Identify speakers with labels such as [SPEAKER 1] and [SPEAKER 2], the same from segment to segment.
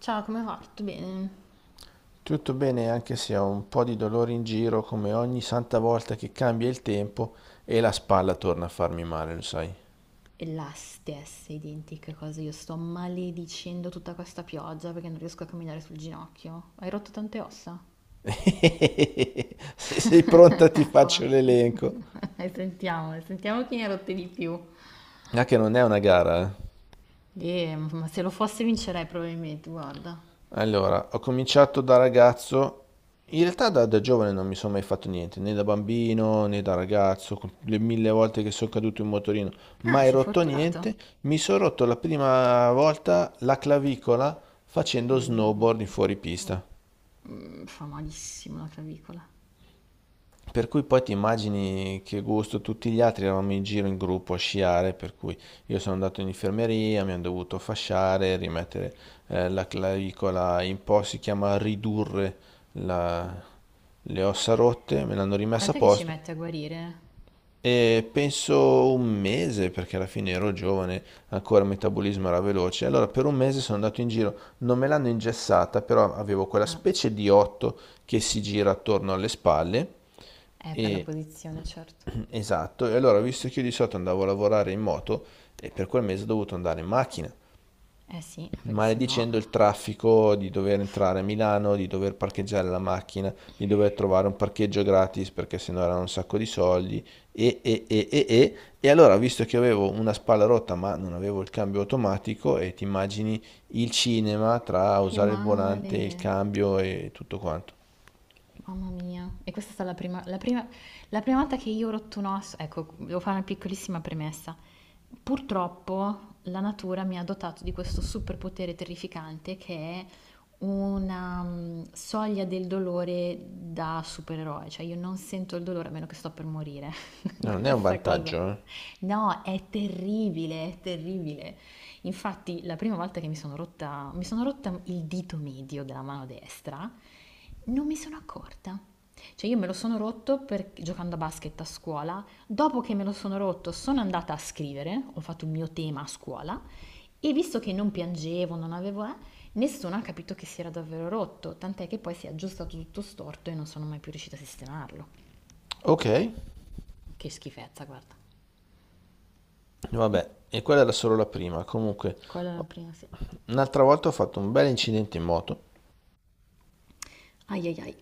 [SPEAKER 1] Ciao, come va? Tutto bene?
[SPEAKER 2] Tutto bene anche se ho un po' di dolore in giro come ogni santa volta che cambia il tempo e la spalla torna a farmi male, lo sai.
[SPEAKER 1] E la stessa identica cosa, io sto maledicendo tutta questa pioggia perché non riesco a camminare sul ginocchio. Hai rotto tante ossa?
[SPEAKER 2] Se sei pronta ti
[SPEAKER 1] Fa.
[SPEAKER 2] faccio l'elenco.
[SPEAKER 1] E sentiamo, sentiamo chi ne ha rotte di più.
[SPEAKER 2] Ah, che non è una gara, eh.
[SPEAKER 1] E, ma se lo fosse vincerei probabilmente, guarda.
[SPEAKER 2] Allora, ho cominciato da ragazzo. In realtà da giovane non mi sono mai fatto niente, né da bambino né da ragazzo, con le mille volte che sono caduto in motorino,
[SPEAKER 1] Ah,
[SPEAKER 2] mai
[SPEAKER 1] sei
[SPEAKER 2] rotto niente.
[SPEAKER 1] fortunato.
[SPEAKER 2] Mi sono rotto la prima volta la clavicola facendo
[SPEAKER 1] Uh,
[SPEAKER 2] snowboard in fuoripista.
[SPEAKER 1] Fa malissimo la clavicola.
[SPEAKER 2] Per cui poi ti immagini che gusto, tutti gli altri eravamo in giro in gruppo a sciare, per cui io sono andato in infermeria, mi hanno dovuto fasciare, rimettere la clavicola in posto, si chiama ridurre la- le ossa rotte, me l'hanno rimessa a
[SPEAKER 1] Quant'è che ci
[SPEAKER 2] posto.
[SPEAKER 1] mette a guarire?
[SPEAKER 2] E penso un mese, perché alla fine ero giovane, ancora il metabolismo era veloce. Allora per un mese sono andato in giro, non me l'hanno ingessata, però avevo quella
[SPEAKER 1] Ah,
[SPEAKER 2] specie di otto che si gira attorno alle spalle.
[SPEAKER 1] è per la
[SPEAKER 2] E...
[SPEAKER 1] posizione, certo.
[SPEAKER 2] Esatto, e allora visto che io di solito andavo a lavorare in moto, e per quel mese ho dovuto andare in macchina
[SPEAKER 1] Eh sì, perché se
[SPEAKER 2] maledicendo il
[SPEAKER 1] no.
[SPEAKER 2] traffico di dover entrare a Milano, di dover parcheggiare la macchina, di dover trovare un parcheggio gratis perché sennò erano un sacco di soldi e allora visto che avevo una spalla rotta ma non avevo il cambio automatico e ti immagini il cinema tra
[SPEAKER 1] Che
[SPEAKER 2] usare il volante,
[SPEAKER 1] male.
[SPEAKER 2] il cambio e tutto quanto.
[SPEAKER 1] Mamma mia, e questa è stata la prima volta che io ho rotto un osso. Ecco, devo fare una piccolissima premessa. Purtroppo la natura mi ha dotato di questo superpotere terrificante che è una soglia del dolore da supereroe, cioè io non sento il dolore a meno che sto per morire.
[SPEAKER 2] No, non è un
[SPEAKER 1] Questa cosa.
[SPEAKER 2] vantaggio, eh.
[SPEAKER 1] No, è terribile, è terribile. Infatti, la prima volta che mi sono rotta il dito medio della mano destra, non mi sono accorta. Cioè, io me lo sono rotto giocando a basket a scuola. Dopo che me lo sono rotto, sono andata a scrivere, ho fatto il mio tema a scuola e visto che non piangevo, non avevo, nessuno ha capito che si era davvero rotto, tant'è che poi si è aggiustato tutto storto e non sono mai più riuscita a sistemarlo.
[SPEAKER 2] Ok,
[SPEAKER 1] Che schifezza, guarda.
[SPEAKER 2] vabbè, e quella era solo la prima. Comunque,
[SPEAKER 1] Quella è la prima, sì.
[SPEAKER 2] un'altra volta ho fatto un bel incidente in moto.
[SPEAKER 1] Ai ai ai.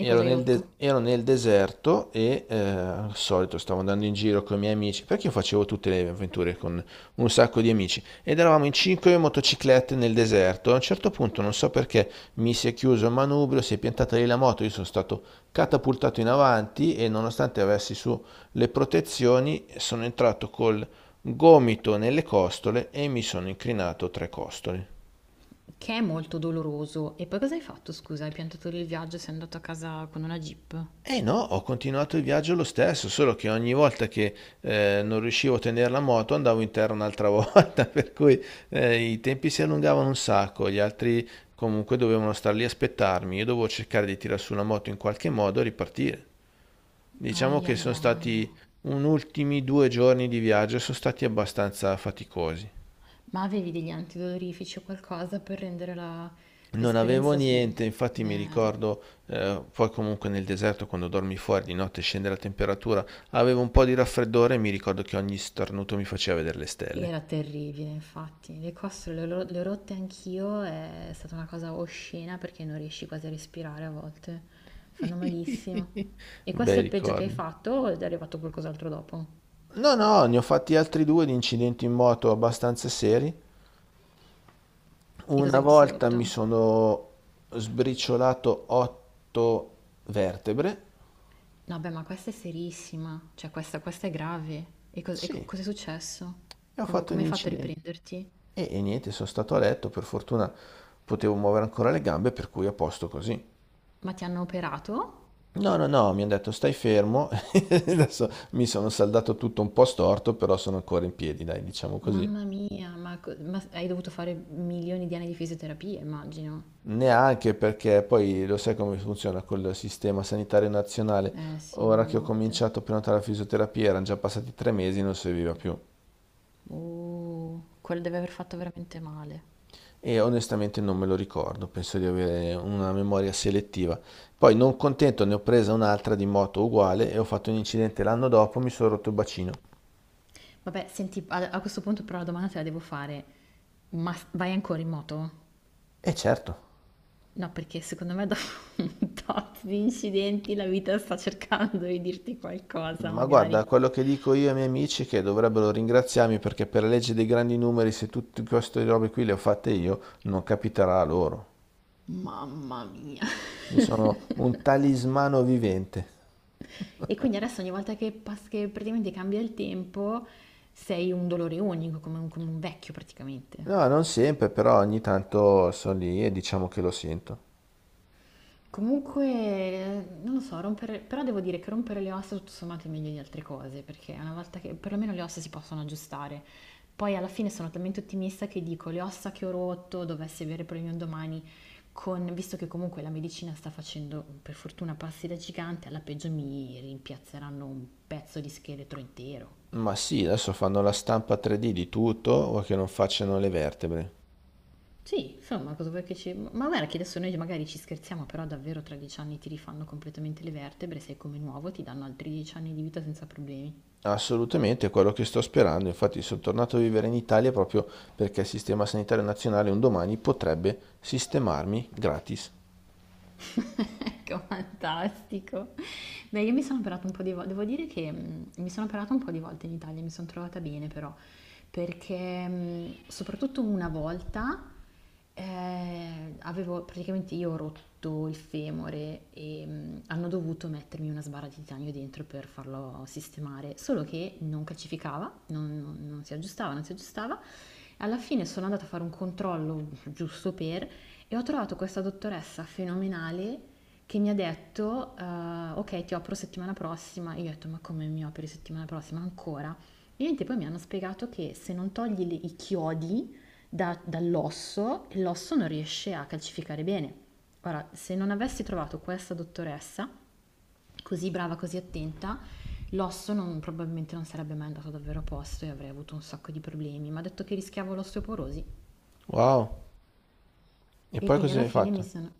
[SPEAKER 1] E cosa hai rotto?
[SPEAKER 2] Ero nel deserto al solito stavo andando in giro con i miei amici, perché io facevo tutte le avventure con un sacco di amici ed eravamo in cinque motociclette nel deserto. A un certo punto, non so perché, mi si è chiuso il manubrio, si è piantata lì la moto, io sono stato catapultato in avanti e nonostante avessi su le protezioni, sono entrato col gomito nelle costole e mi sono incrinato tre costole.
[SPEAKER 1] Che è molto doloroso. E poi cosa hai fatto, scusa? Hai piantato lì il viaggio e sei andato a casa con una jeep?
[SPEAKER 2] E no, ho continuato il viaggio lo stesso, solo che ogni volta che non riuscivo a tenere la moto andavo in terra un'altra volta, per cui i tempi si allungavano un sacco, gli altri comunque dovevano star lì a aspettarmi, io dovevo cercare di tirar su la moto in qualche modo e ripartire. Diciamo
[SPEAKER 1] Ai
[SPEAKER 2] che
[SPEAKER 1] ai
[SPEAKER 2] sono
[SPEAKER 1] ai.
[SPEAKER 2] stati un ultimi 2 giorni di viaggio, sono stati abbastanza faticosi.
[SPEAKER 1] Ma avevi degli antidolorifici o qualcosa per rendere
[SPEAKER 2] Non avevo
[SPEAKER 1] l'esperienza,
[SPEAKER 2] niente, infatti mi ricordo, poi comunque nel deserto quando dormi fuori di notte scende la temperatura, avevo un po' di raffreddore e mi ricordo che ogni starnuto mi faceva vedere le stelle.
[SPEAKER 1] era terribile, infatti. Le costole le ho rotte anch'io, è stata una cosa oscena perché non riesci quasi a respirare a volte. Fanno malissimo. E questo
[SPEAKER 2] Bei
[SPEAKER 1] è il peggio che hai
[SPEAKER 2] ricordi.
[SPEAKER 1] fatto o è arrivato qualcos'altro dopo?
[SPEAKER 2] No, no, ne ho fatti altri due di incidenti in moto abbastanza seri.
[SPEAKER 1] E cos'è
[SPEAKER 2] Una
[SPEAKER 1] che ti sei
[SPEAKER 2] volta mi
[SPEAKER 1] rotto?
[SPEAKER 2] sono sbriciolato otto vertebre.
[SPEAKER 1] No, beh, ma questa è serissima, cioè questa, è grave. E,
[SPEAKER 2] Sì.
[SPEAKER 1] cos'è successo?
[SPEAKER 2] E ho
[SPEAKER 1] Come,
[SPEAKER 2] fatto un
[SPEAKER 1] come hai fatto a
[SPEAKER 2] incidente.
[SPEAKER 1] riprenderti?
[SPEAKER 2] E niente, sono stato a letto, per fortuna potevo muovere ancora le gambe, per cui a posto così.
[SPEAKER 1] Ma ti hanno operato?
[SPEAKER 2] No, no, no, mi hanno detto stai fermo, adesso mi sono saldato tutto un po' storto, però sono ancora in piedi, dai, diciamo così.
[SPEAKER 1] Mamma mia, ma, ma hai dovuto fare milioni di anni di fisioterapia, immagino.
[SPEAKER 2] Neanche perché poi lo sai come funziona col sistema sanitario nazionale.
[SPEAKER 1] Eh sì,
[SPEAKER 2] Ora che ho
[SPEAKER 1] buonanotte.
[SPEAKER 2] cominciato a prenotare la fisioterapia, erano già passati 3 mesi, e non serviva più.
[SPEAKER 1] Quello deve aver fatto veramente male.
[SPEAKER 2] E onestamente non me lo ricordo, penso di avere una memoria selettiva. Poi, non contento, ne ho presa un'altra di moto uguale e ho fatto un incidente l'anno dopo, mi sono rotto il bacino.
[SPEAKER 1] Vabbè, senti, a questo punto però la domanda te la devo fare. Ma vai ancora in moto?
[SPEAKER 2] E certo,
[SPEAKER 1] No, perché secondo me dopo un tot di incidenti la vita sta cercando di dirti qualcosa,
[SPEAKER 2] ma guarda,
[SPEAKER 1] magari.
[SPEAKER 2] quello che dico io ai miei amici è che dovrebbero ringraziarmi perché per la legge dei grandi numeri, se tutte queste robe qui le ho fatte io, non capiterà a loro.
[SPEAKER 1] Mamma mia.
[SPEAKER 2] Io sono un talismano vivente.
[SPEAKER 1] E quindi adesso ogni volta che, che praticamente cambia il tempo sei un dolore unico, come un vecchio praticamente.
[SPEAKER 2] No, non sempre, però ogni tanto sono lì e diciamo che lo sento.
[SPEAKER 1] Comunque, non lo so, rompere, però devo dire che rompere le ossa tutto sommato è meglio di altre cose, perché una volta che perlomeno le ossa si possono aggiustare. Poi alla fine sono talmente ottimista che dico le ossa che ho rotto, dovessi avere problemi un domani, visto che comunque la medicina sta facendo per fortuna passi da gigante, alla peggio mi rimpiazzeranno un pezzo di scheletro intero.
[SPEAKER 2] Ma sì, adesso fanno la stampa 3D di tutto, o che non facciano le vertebre.
[SPEAKER 1] Sì, insomma, cosa vuoi che ci. Ma guarda che adesso noi magari ci scherziamo, però davvero tra 10 anni ti rifanno completamente le vertebre, sei come nuovo, ti danno altri 10 anni di vita senza problemi.
[SPEAKER 2] Assolutamente, è quello che sto sperando. Infatti sono tornato a vivere in Italia proprio perché il Sistema Sanitario Nazionale un domani potrebbe sistemarmi gratis.
[SPEAKER 1] Ecco, fantastico. Beh, io mi sono operata un po' di volte, devo dire che mi sono operata un po' di volte in Italia, mi sono trovata bene però, perché soprattutto una volta avevo praticamente io ho rotto il femore e hanno dovuto mettermi una sbarra di titanio dentro per farlo sistemare, solo che non calcificava, non si aggiustava, non si aggiustava. Alla fine sono andata a fare un controllo giusto per e ho trovato questa dottoressa fenomenale che mi ha detto, ok, ti opero settimana prossima. Io ho detto, ma come mi operi settimana prossima? Ancora? E niente, poi mi hanno spiegato che se non togli i chiodi dall'osso, l'osso non riesce a calcificare bene. Ora, se non avessi trovato questa dottoressa, così brava, così attenta, l'osso probabilmente non sarebbe mai andato davvero a posto e avrei avuto un sacco di problemi. Mi ha detto che rischiavo l'osteoporosi
[SPEAKER 2] Wow. E
[SPEAKER 1] e
[SPEAKER 2] poi
[SPEAKER 1] quindi
[SPEAKER 2] cosa
[SPEAKER 1] alla
[SPEAKER 2] hai
[SPEAKER 1] fine
[SPEAKER 2] fatto?
[SPEAKER 1] mi sono.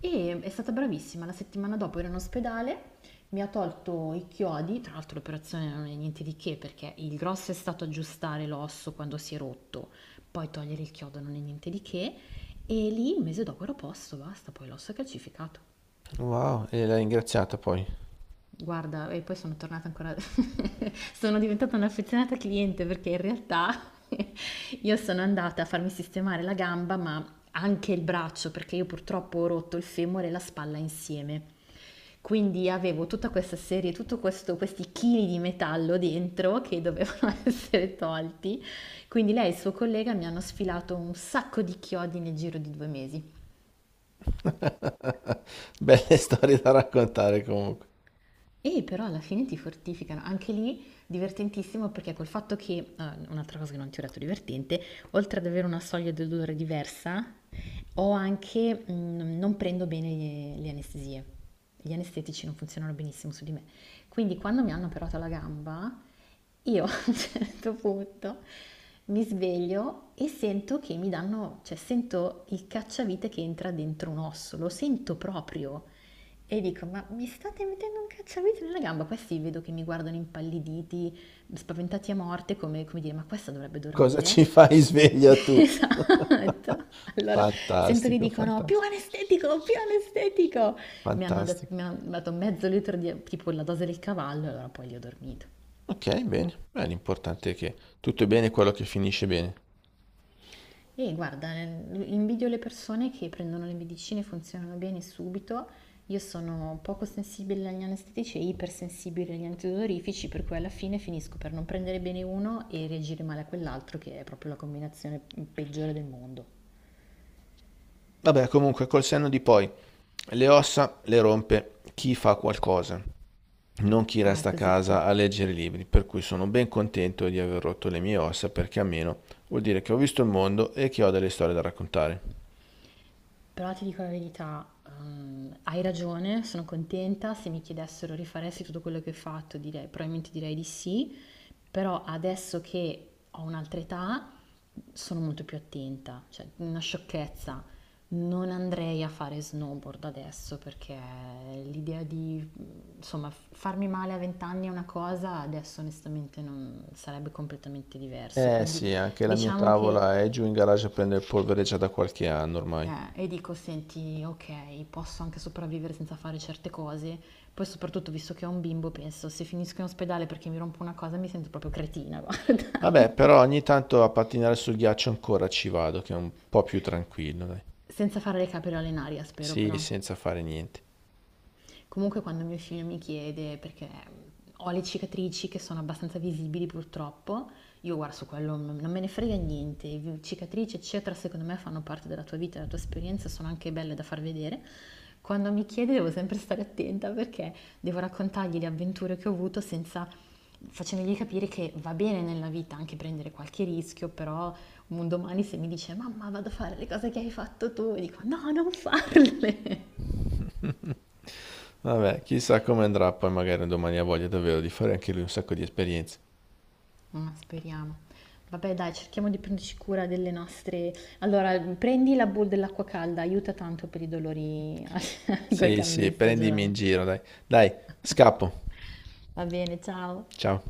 [SPEAKER 1] E è stata bravissima, la settimana dopo ero in ospedale, mi ha tolto i chiodi, tra l'altro l'operazione non è niente di che perché il grosso è stato aggiustare l'osso quando si è rotto, poi togliere il chiodo non è niente di che, e lì un mese dopo ero a posto, basta, poi l'osso è calcificato.
[SPEAKER 2] Wow, e l'hai ringraziata poi.
[SPEAKER 1] Guarda, e poi sono tornata ancora sono diventata un'affezionata cliente perché in realtà io sono andata a farmi sistemare la gamba, ma anche il braccio, perché io purtroppo ho rotto il femore e la spalla insieme. Quindi avevo tutta questa serie, questi chili di metallo dentro che dovevano essere tolti. Quindi lei e il suo collega mi hanno sfilato un sacco di chiodi nel giro di 2 mesi.
[SPEAKER 2] Belle storie da raccontare comunque.
[SPEAKER 1] E però alla fine ti fortificano, anche lì divertentissimo perché col fatto che, ah, un'altra cosa che non ti ho detto divertente, oltre ad avere una soglia di dolore diversa, ho anche, non prendo bene le anestesie, gli anestetici non funzionano benissimo su di me, quindi quando mi hanno operato la gamba io a un certo punto mi sveglio e sento che mi danno, cioè sento il cacciavite che entra dentro un osso, lo sento proprio. E dico, ma mi state mettendo un cacciavite nella gamba? Questi vedo che mi guardano impalliditi, spaventati a morte, come, dire, ma questa dovrebbe
[SPEAKER 2] Cosa
[SPEAKER 1] dormire.
[SPEAKER 2] ci fai sveglia tu?
[SPEAKER 1] Esatto. Allora sento che
[SPEAKER 2] Fantastico,
[SPEAKER 1] dicono, più
[SPEAKER 2] fantastico,
[SPEAKER 1] anestetico, più anestetico. Mi hanno, dat-
[SPEAKER 2] fantastico.
[SPEAKER 1] mi hanno dato mezzo litro di, tipo la dose del cavallo, e allora poi li ho dormito.
[SPEAKER 2] Ok, bene. Beh, l'importante è che tutto è bene quello che finisce bene.
[SPEAKER 1] E guarda, invidio le persone che prendono le medicine, funzionano bene subito. Io sono poco sensibile agli anestetici e ipersensibile agli antidolorifici, per cui alla fine finisco per non prendere bene uno e reagire male a quell'altro, che è proprio la combinazione peggiore del mondo.
[SPEAKER 2] Vabbè, comunque, col senno di poi, le ossa le rompe chi fa qualcosa, non chi
[SPEAKER 1] Ah, è
[SPEAKER 2] resta a
[SPEAKER 1] così che te.
[SPEAKER 2] casa a leggere i libri, per cui sono ben contento di aver rotto le mie ossa, perché almeno vuol dire che ho visto il mondo e che ho delle storie da raccontare.
[SPEAKER 1] Però ti dico la verità, hai ragione, sono contenta. Se mi chiedessero rifaresti tutto quello che ho fatto, direi, probabilmente direi di sì, però adesso che ho un'altra età sono molto più attenta, cioè una sciocchezza. Non andrei a fare snowboard adesso perché l'idea di, insomma, farmi male a 20 anni è una cosa, adesso onestamente non sarebbe completamente diverso.
[SPEAKER 2] Eh
[SPEAKER 1] Quindi
[SPEAKER 2] sì, anche la mia
[SPEAKER 1] diciamo che
[SPEAKER 2] tavola è giù in garage a prendere polvere già da qualche anno ormai.
[SPEAKER 1] e dico, senti, ok, posso anche sopravvivere senza fare certe cose. Poi soprattutto, visto che ho un bimbo, penso, se finisco in ospedale perché mi rompo una cosa, mi sento proprio cretina, guarda.
[SPEAKER 2] Vabbè, però ogni tanto a pattinare sul ghiaccio ancora ci vado, che è un po' più tranquillo, dai.
[SPEAKER 1] Senza fare le capriole in aria, spero
[SPEAKER 2] Sì,
[SPEAKER 1] però.
[SPEAKER 2] senza fare niente.
[SPEAKER 1] Comunque quando mio figlio mi chiede, perché ho le cicatrici che sono abbastanza visibili purtroppo, io guarda su quello non me ne frega niente, cicatrici eccetera secondo me fanno parte della tua vita, della tua esperienza, sono anche belle da far vedere. Quando mi chiede devo sempre stare attenta perché devo raccontargli le avventure che ho avuto senza facendogli capire che va bene nella vita anche prendere qualche rischio, però un domani se mi dice mamma vado a fare le cose che hai fatto tu, dico no, non farle.
[SPEAKER 2] Vabbè, chissà come andrà, poi magari domani ha voglia davvero di fare anche lui un sacco di esperienze.
[SPEAKER 1] Ma speriamo. Vabbè, dai, cerchiamo di prenderci cura delle nostre. Allora, prendi la bowl dell'acqua calda, aiuta tanto per i dolori al
[SPEAKER 2] Sì, sì,
[SPEAKER 1] cambista,
[SPEAKER 2] prendimi in
[SPEAKER 1] Giovanni.
[SPEAKER 2] giro, dai. Dai, scappo.
[SPEAKER 1] Va bene, ciao.
[SPEAKER 2] Ciao.